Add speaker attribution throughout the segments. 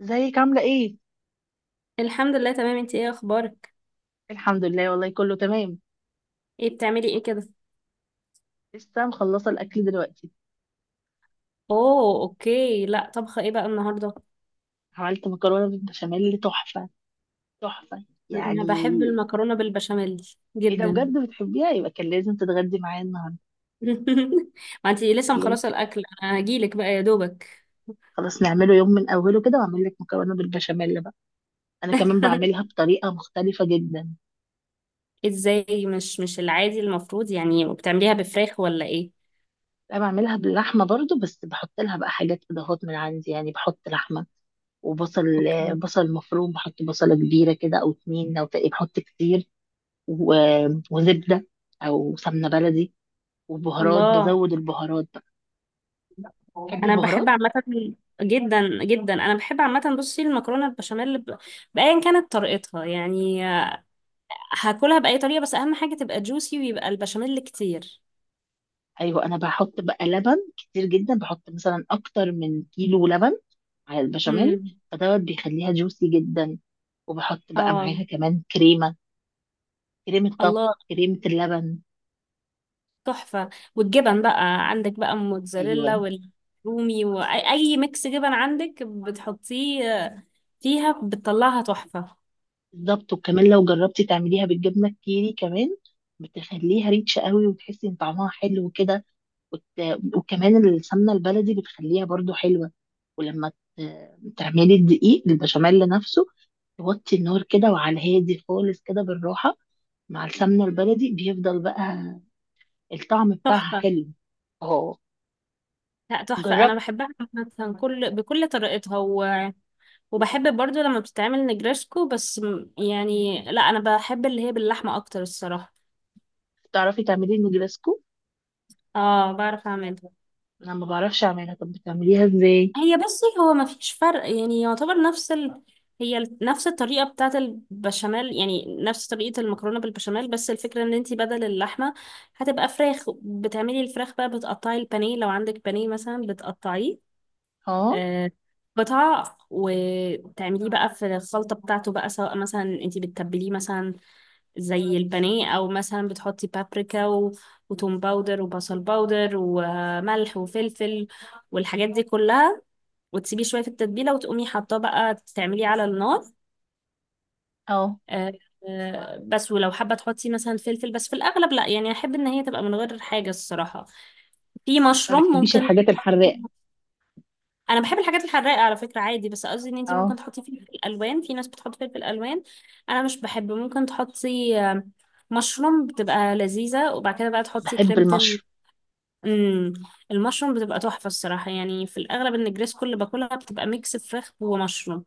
Speaker 1: ازيك عاملة ايه؟
Speaker 2: الحمد لله، تمام. انت ايه اخبارك؟
Speaker 1: الحمد لله والله كله تمام.
Speaker 2: ايه بتعملي ايه كده؟
Speaker 1: لسه مخلصة الأكل دلوقتي.
Speaker 2: اوه، اوكي. لا، طبخه ايه بقى النهارده؟
Speaker 1: عملت مكرونة بالبشاميل تحفة تحفة
Speaker 2: انا
Speaker 1: يعني.
Speaker 2: بحب المكرونه بالبشاميل
Speaker 1: ايه ده
Speaker 2: جدا.
Speaker 1: بجد بتحبيها، يبقى كان لازم تتغدي معايا النهاردة.
Speaker 2: ما انت لسه
Speaker 1: كان لازم.
Speaker 2: مخلصه الاكل، انا هجيلك بقى يا دوبك.
Speaker 1: خلاص نعمله يوم من أوله كده وأعمل لك مكرونة بالبشاميل بقى. أنا كمان بعملها بطريقة مختلفة جدا.
Speaker 2: ازاي؟ مش العادي، المفروض يعني بتعمليها بفراخ ولا ايه؟
Speaker 1: أنا بعملها باللحمة برضو، بس بحط لها بقى حاجات إضافات من عندي، يعني بحط لحمة وبصل.
Speaker 2: اوكي.
Speaker 1: بصل مفروم، بحط بصلة كبيرة كده أو 2، أو تقريبا بحط كتير. وزبدة أو سمنة بلدي، وبهارات،
Speaker 2: الله.
Speaker 1: بزود البهارات بقى. تحبي
Speaker 2: انا بحب
Speaker 1: البهارات؟
Speaker 2: عامه جدا جدا، انا بحب عامه. بصي، المكرونه البشاميل بايا كانت طريقتها، يعني هاكلها بأي طريقة، بس أهم حاجة تبقى جوسي ويبقى البشاميل كتير.
Speaker 1: أيوة، أنا بحط بقى لبن كتير جدا، بحط مثلا أكتر من كيلو لبن على البشاميل.
Speaker 2: امم.
Speaker 1: فدوت بيخليها جوسي جدا. وبحط بقى
Speaker 2: اه.
Speaker 1: معاها كمان كريمة، كريمة طبخ،
Speaker 2: الله.
Speaker 1: كريمة اللبن.
Speaker 2: تحفة. والجبن بقى عندك بقى موتزاريلا
Speaker 1: أيوة،
Speaker 2: والرومي، وأي ميكس جبن عندك بتحطيه فيها بتطلعها تحفة.
Speaker 1: بالظبط. وكمان لو جربتي تعمليها بالجبنة الكيري كمان بتخليها ريتش قوي، وتحسي إن طعمها حلو كده. وكمان السمنة البلدي بتخليها برضو حلوة. ولما ت- تعملي الدقيق البشاميل نفسه، توطي النار كده، وعلى الهادي خالص كده، بالراحة. مع السمنة البلدي بيفضل بقى الطعم بتاعها
Speaker 2: تحفة.
Speaker 1: حلو. اه
Speaker 2: لا، تحفة، أنا
Speaker 1: جربت.
Speaker 2: بحبها. عامة كل بكل طريقتها، وبحب برضو لما بتتعمل نجرسكو، بس يعني لا، أنا بحب اللي هي باللحمة أكتر الصراحة.
Speaker 1: تعرفي تعملي النجرسكو؟
Speaker 2: اه، بعرف أعملها.
Speaker 1: انا ما بعرفش اعملها، طب بتعمليها ازاي؟
Speaker 2: هي بصي، هو ما فيش فرق، يعني يعتبر نفس نفس الطريقة بتاعة البشاميل، يعني نفس طريقة المكرونة بالبشاميل، بس الفكرة ان انتي بدل اللحمة هتبقى فراخ. بتعملي الفراخ بقى، بتقطعي البانيه لو عندك بانيه مثلا بتقطعيه
Speaker 1: اه.
Speaker 2: آه، قطع، وتعمليه بقى في الخلطة بتاعته بقى، سواء مثلا انتي بتتبليه مثلا زي البانيه، او مثلا بتحطي بابريكا وتوم باودر وبصل باودر وملح وفلفل والحاجات دي كلها، وتسيبيه شويه في التتبيله، وتقومي حاطاه بقى تعمليه على النار.
Speaker 1: اه.
Speaker 2: آه، بس ولو حابه تحطي مثلا فلفل، بس في الاغلب لا، يعني احب ان هي تبقى من غير حاجه الصراحه. في
Speaker 1: ما
Speaker 2: مشروم
Speaker 1: بتحبيش
Speaker 2: ممكن.
Speaker 1: الحاجات الحراقة.
Speaker 2: انا بحب الحاجات الحراقه على فكره عادي، بس قصدي ان انتي
Speaker 1: اه
Speaker 2: ممكن تحطي فلفل الوان، في ناس بتحط فلفل الوان. انا مش بحب، ممكن تحطي مشروم، بتبقى لذيذه. وبعد كده بقى تحطي
Speaker 1: بحب
Speaker 2: كريمه.
Speaker 1: المشروم.
Speaker 2: مم. المشروم بتبقى تحفه الصراحه، يعني في الاغلب ان الجريس كل اللي باكلها بتبقى ميكس فراخ ومشروم.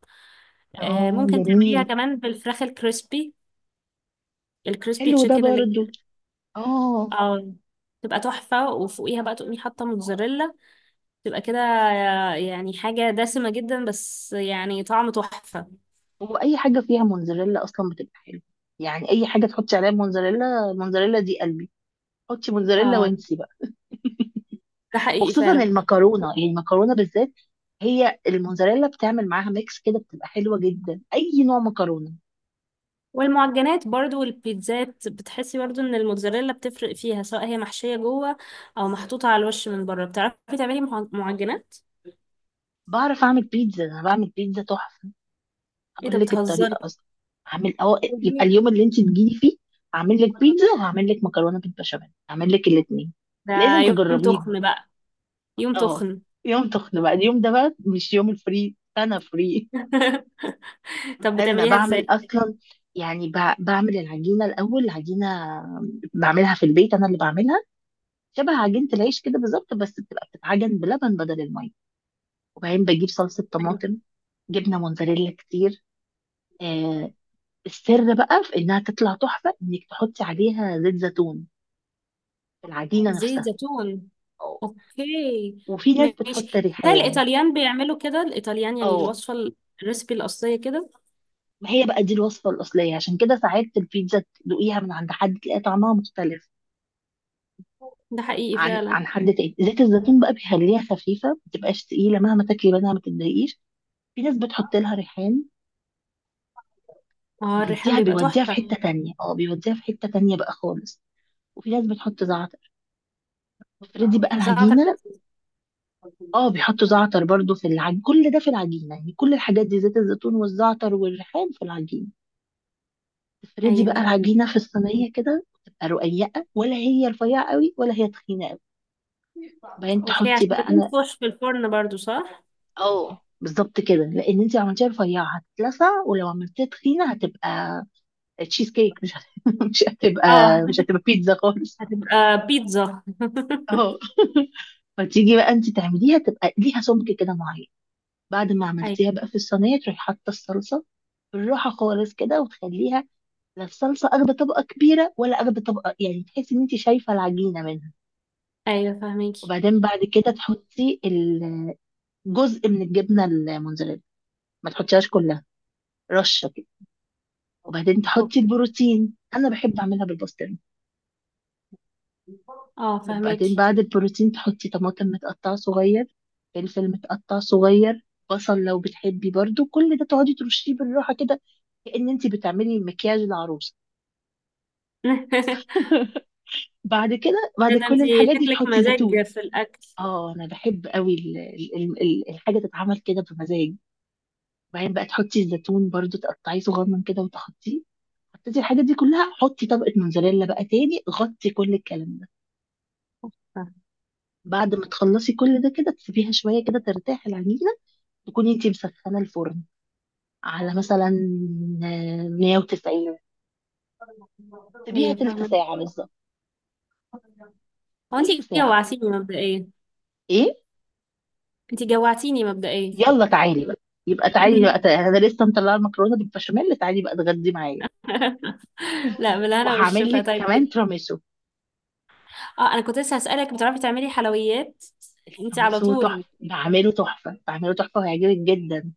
Speaker 1: اه
Speaker 2: ممكن
Speaker 1: جميل.
Speaker 2: تعمليها كمان بالفراخ الكريسبي، الكريسبي
Speaker 1: حلو ده
Speaker 2: تشيكن اللي
Speaker 1: برضو. اه.
Speaker 2: اه تبقى تحفة، وفوقيها بقى تقومي حاطة موتزاريلا، تبقى كده يعني حاجة دسمة جدا، بس يعني طعم تحفة.
Speaker 1: هو اي حاجه فيها موزاريلا اصلا بتبقى حلوه. يعني اي حاجه تحطي عليها موزاريلا، موزاريلا دي قلبي، حطي موزاريلا
Speaker 2: اه،
Speaker 1: وانسي بقى.
Speaker 2: ده حقيقي
Speaker 1: وخصوصا
Speaker 2: فعلا.
Speaker 1: المكرونه، يعني المكرونه بالذات، هي الموزاريلا بتعمل معاها ميكس كده، بتبقى حلوه جدا اي نوع مكرونه.
Speaker 2: والمعجنات برضو والبيتزات، بتحسي برضو ان الموتزاريلا بتفرق فيها، سواء هي محشية جوه او محطوطة على الوش من بره. بتعرفي تعملي معجنات؟
Speaker 1: بعرف اعمل بيتزا، انا بعمل بيتزا تحفه،
Speaker 2: ايه ده،
Speaker 1: هقول لك
Speaker 2: بتهزري؟
Speaker 1: الطريقه اصلا. يبقى اليوم اللي انت تجيلي فيه هعمل لك بيتزا، وهعمل لك مكرونه بالبشاميل، هعمل لك الاثنين،
Speaker 2: ده
Speaker 1: لازم
Speaker 2: يوم
Speaker 1: تجربيهم.
Speaker 2: تخن بقى. يوم
Speaker 1: اه،
Speaker 2: تخن.
Speaker 1: يوم تخنق بقى، اليوم ده بقى مش يوم الفري، انا فري.
Speaker 2: طب
Speaker 1: لا ده انا
Speaker 2: بتعمليها ازاي؟
Speaker 1: بعمل اصلا، يعني بعمل العجينه الاول. العجينه بعملها في البيت، انا اللي بعملها، شبه عجينه العيش كده بالظبط، بس بتبقى بتتعجن بلبن بدل الميه. وبعدين بجيب صلصه طماطم، جبنه موتزاريلا كتير. آه السر بقى في انها تطلع تحفه انك تحطي عليها زيت زيتون في العجينه
Speaker 2: زيت
Speaker 1: نفسها.
Speaker 2: زيتون.
Speaker 1: أو.
Speaker 2: اوكي.
Speaker 1: وفي ناس بتحط
Speaker 2: ماشي، ده
Speaker 1: ريحان.
Speaker 2: الايطاليان بيعملوا كده، الايطاليان يعني
Speaker 1: اه
Speaker 2: الوصفه الريسبي الاصليه كده.
Speaker 1: ما هي بقى دي الوصفه الاصليه، عشان كده ساعات البيتزا تدوقيها من عند حد تلاقي طعمها مختلف
Speaker 2: ده حقيقي
Speaker 1: عن
Speaker 2: فعلا.
Speaker 1: عن حد تاني. زيت الزيتون بقى بيخليها خفيفه، ما بتبقاش تقيله، مهما تاكلي منها ما تتضايقيش. في ناس بتحط لها ريحان،
Speaker 2: اه، الريحان بيبقى
Speaker 1: بيوديها في
Speaker 2: تحفه.
Speaker 1: حته تانية. اه بيوديها في حته تانية بقى خالص. وفي ناس بتحط زعتر. فردي بقى
Speaker 2: زعتر
Speaker 1: العجينه.
Speaker 2: لذيذ.
Speaker 1: اه بيحطوا زعتر برضو في العجينه، كل ده في العجينه، يعني كل الحاجات دي زيت الزيتون والزعتر والريحان في العجينه. تفردي بقى
Speaker 2: ايوه.
Speaker 1: العجينه في الصينيه كده، تبقى رقيقه، ولا هي رفيعه قوي ولا هي تخينه قوي. بعدين
Speaker 2: اوكي،
Speaker 1: تحطي
Speaker 2: عشان
Speaker 1: بقى. انا.
Speaker 2: بتنفش في الفرن برضو صح؟
Speaker 1: اه بالظبط كده، لان انت لو عملتيها رفيعه هتتلسع، ولو عملتيها تخينه هتبقى تشيز كيك، مش هت... مش هتبقى
Speaker 2: اه.
Speaker 1: مش هتبقى بيتزا خالص.
Speaker 2: هتبقى بيتزا.
Speaker 1: اه. فتيجي بقى انت تعمليها تبقى ليها سمك كده معين. بعد ما
Speaker 2: ايوه.
Speaker 1: عملتيها بقى في الصينيه تروحي حاطه الصلصه بالراحه خالص كده، وتخليها لا الصلصه اخده طبقه كبيره، ولا اخده طبقه يعني تحسي ان انت شايفه العجينه منها.
Speaker 2: ايوه، فهميكي.
Speaker 1: وبعدين بعد كده تحطي جزء من الجبنه الموتزاريلا، ما تحطيهاش كلها، رشه كده. وبعدين تحطي
Speaker 2: اوكي،
Speaker 1: البروتين، انا بحب اعملها بالبسطرمه.
Speaker 2: اه،
Speaker 1: وبعدين
Speaker 2: فهميكي.
Speaker 1: بعد البروتين تحطي طماطم متقطعه صغير، فلفل متقطع صغير، بصل لو بتحبي برضو، كل ده تقعدي ترشيه بالراحه كده، كأن انت بتعملي مكياج العروسه. بعد كده،
Speaker 2: ده
Speaker 1: بعد
Speaker 2: انت
Speaker 1: كل الحاجات دي
Speaker 2: شكلك
Speaker 1: تحطي
Speaker 2: مزاج
Speaker 1: زيتون.
Speaker 2: في الاكل.
Speaker 1: اه انا بحب قوي الحاجه تتعمل كده بمزاج. وبعدين بقى تحطي الزيتون برضو، تقطعيه صغنن كده وتحطيه. حطيتي الحاجات دي كلها، حطي طبقه موزاريلا بقى تاني، غطي كل الكلام ده. بعد ما تخلصي كل ده كده، تسيبيها شوية كده ترتاح العجينة، تكوني انتي مسخنة الفرن على مثلا 190. تسيبيها
Speaker 2: ايوه،
Speaker 1: تلت
Speaker 2: فهميكي.
Speaker 1: ساعة بالظبط.
Speaker 2: هو
Speaker 1: تلت
Speaker 2: انتي
Speaker 1: ساعة.
Speaker 2: جوعتيني مبدئيا.
Speaker 1: ايه
Speaker 2: انتي جوعتيني مبدئيا.
Speaker 1: يلا تعالي بقى، يبقى تعالي بقى تعالي. انا لسه مطلعة المكرونة بالبشاميل، تعالي بقى اتغدي معايا.
Speaker 2: لا، بالهنا
Speaker 1: وهعمل
Speaker 2: والشفا
Speaker 1: لك
Speaker 2: طيب.
Speaker 1: كمان تراميسو.
Speaker 2: اه، انا كنت لسه هسألك بتعرفي تعملي حلويات؟ انتي على
Speaker 1: التراميسو تحفة،
Speaker 2: طول
Speaker 1: بعمله تحفة، بعمله تحفة، وهيعجبك جدا.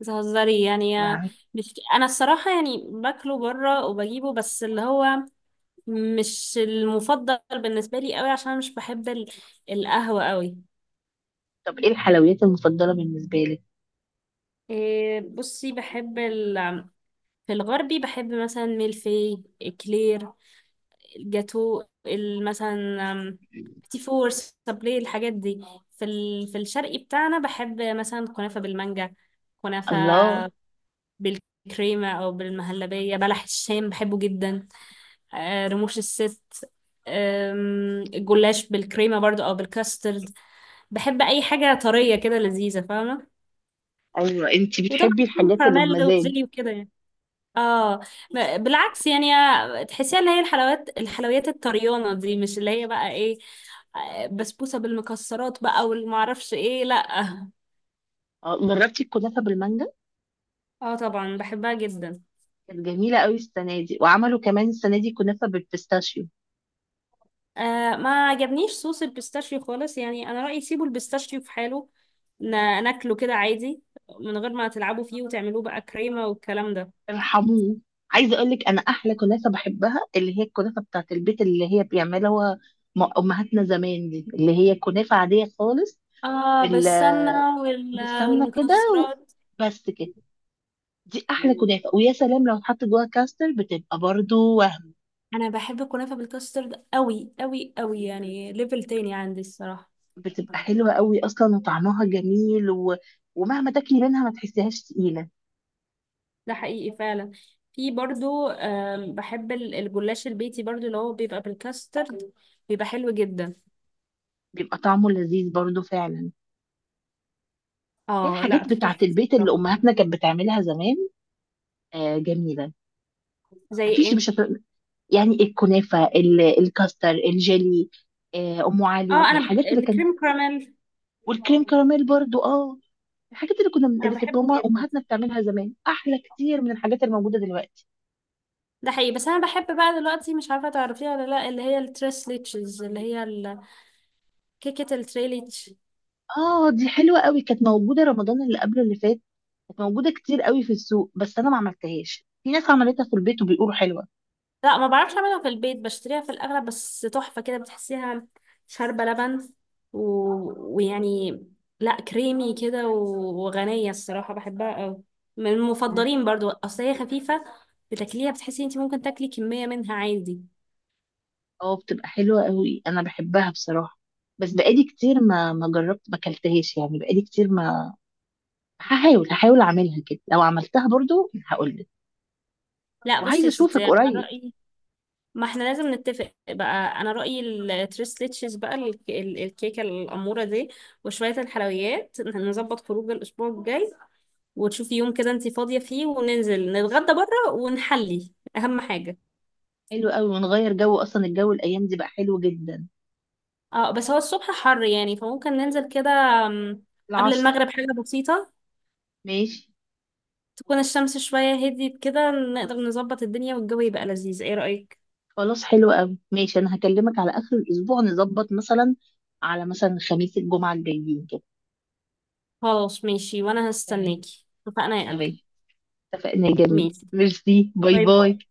Speaker 2: بتهزري يعني.
Speaker 1: بعمل-
Speaker 2: مش انا الصراحة، يعني باكله بره وبجيبه، بس اللي هو مش المفضل بالنسبة لي قوي، عشان أنا مش بحب القهوة قوي.
Speaker 1: طب ايه الحلويات المفضلة بالنسبة لك؟
Speaker 2: إيه، بصي، في الغربي بحب مثلا ميلفي اكلير، الجاتو مثلا. بتي فور سابلي الحاجات دي. في الشرقي بتاعنا بحب مثلا كنافة بالمانجا. كنافة
Speaker 1: الله.
Speaker 2: بالكريمة أو بالمهلبية. بلح الشام بحبه جدا. رموش الست. الجلاش بالكريمة برضو أو بالكاسترد. بحب أي حاجة طرية كده لذيذة، فاهمة؟
Speaker 1: ايوه، انتي
Speaker 2: وطبعا
Speaker 1: بتحبي
Speaker 2: في
Speaker 1: الحاجات اللي
Speaker 2: كراميل
Speaker 1: بمزاج.
Speaker 2: وزيلي وكده يعني. اه. بالعكس، يعني تحسيها اللي هي الحلويات، الحلويات الطريانة دي، مش اللي هي بقى ايه، بسبوسة بالمكسرات بقى والمعرفش ايه، لا.
Speaker 1: اه جربتي الكنافة بالمانجا؟
Speaker 2: اه، طبعا بحبها جدا.
Speaker 1: كانت جميلة قوي السنة دي. وعملوا كمان السنة دي كنافة بالبيستاشيو.
Speaker 2: آه، ما عجبنيش صوص البيستاشيو خالص، يعني انا رأيي سيبوا البيستاشيو في حاله، ن- ناكله كده عادي، من غير ما تلعبوا فيه وتعملوه بقى كريمة والكلام ده.
Speaker 1: ارحموه. عايزة اقول لك، انا احلى كنافة بحبها اللي هي الكنافة بتاعت البيت، اللي هي بيعملها امهاتنا زمان، دي اللي هي كنافة عادية خالص،
Speaker 2: اه،
Speaker 1: بال
Speaker 2: بالسمنة
Speaker 1: بالسمنة كده، و-
Speaker 2: والمكسرات.
Speaker 1: بس كده. دي احلى كنافة، ويا سلام لو اتحط جواها كاستر، بتبقى برضو وهم.
Speaker 2: انا بحب الكنافه بالكاسترد قوي قوي قوي، يعني ليفل تاني عندي الصراحه.
Speaker 1: بتبقى حلوة قوي اصلا، وطعمها جميل، و... ومهما تاكلي منها ما تحسيهاش تقيلة.
Speaker 2: ده حقيقي فعلا. في برضو، بحب الجلاش البيتي برضو، اللي هو بيبقى بالكاسترد، بيبقى حلو جدا.
Speaker 1: بيبقى طعمه لذيذ برضو فعلا. هي
Speaker 2: اه، لا
Speaker 1: الحاجات بتاعة
Speaker 2: تحفة.
Speaker 1: البيت اللي
Speaker 2: بصراحة.
Speaker 1: أمهاتنا كانت بتعملها زمان. آه جميلة.
Speaker 2: زي
Speaker 1: مفيش
Speaker 2: ايه؟
Speaker 1: مش هت... يعني الكنافة، الكاستر، الجيلي، أم علي،
Speaker 2: اه، انا
Speaker 1: الحاجات اللي كانت.
Speaker 2: الكريم كراميل.
Speaker 1: والكريم كراميل برضو، اه. الحاجات اللي كنا،
Speaker 2: انا
Speaker 1: اللي كانت
Speaker 2: بحبه
Speaker 1: ماما
Speaker 2: جدا.
Speaker 1: أمهاتنا بتعملها زمان، أحلى كتير من الحاجات اللي موجودة دلوقتي.
Speaker 2: ده حقيقي. بس انا بحب بقى دلوقتي، مش عارفه تعرفيها ولا لا، اللي هي التريس ليتشز، اللي هي كيكه التري ليتش.
Speaker 1: اه دي حلوة قوي، كانت موجودة رمضان اللي قبله اللي فات، كانت موجودة كتير قوي في السوق، بس أنا ما عملتهاش. في ناس عملتها في البيت وبيقولوا حلوة.
Speaker 2: لا، ما بعرفش اعملها في البيت، بشتريها في الاغلب، بس تحفة كده، بتحسيها شاربة لبن، و... ويعني، لا كريمي كده وغنية الصراحة، بحبها قوي، من المفضلين برضو، اصل هي خفيفة، بتاكليها بتحسي انت ممكن تاكلي كمية منها عادي.
Speaker 1: اه بتبقى حلوة قوي، انا بحبها بصراحة. بس بقالي كتير ما جربت، ما اكلتهاش يعني بقالي كتير ما. هحاول اعملها كده، لو عملتها برضو هقول لك.
Speaker 2: لا بصي
Speaker 1: وعايزة
Speaker 2: يا ستي،
Speaker 1: اشوفك
Speaker 2: انا
Speaker 1: قريب.
Speaker 2: رأيي، ما احنا لازم نتفق بقى. انا رأيي التريس ليتشز بقى الكيكة الأمورة دي وشوية الحلويات، نظبط خروج الأسبوع الجاي، وتشوفي يوم كده انتي فاضية فيه وننزل نتغدى بره ونحلي أهم حاجة.
Speaker 1: حلو قوي، ونغير جو، اصلا الجو الايام دي بقى حلو جدا.
Speaker 2: اه، بس هو الصبح حر يعني، فممكن ننزل كده أم، قبل
Speaker 1: العصر.
Speaker 2: المغرب حاجة بسيطة،
Speaker 1: ماشي.
Speaker 2: تكون الشمس شوية هديت كده، نقدر نظبط الدنيا والجو يبقى لذيذ. ايه رأيك؟
Speaker 1: خلاص حلو قوي، ماشي. انا هكلمك على اخر الاسبوع، نظبط مثلا على مثلا خميس الجمعة الجايين كده.
Speaker 2: خلاص، ماشي، وانا
Speaker 1: تمام.
Speaker 2: هستناكي. اتفقنا يا قلبي.
Speaker 1: تمام. اتفقنا يا جميل،
Speaker 2: ماشي.
Speaker 1: ميرسي، باي
Speaker 2: باي
Speaker 1: باي.
Speaker 2: باي.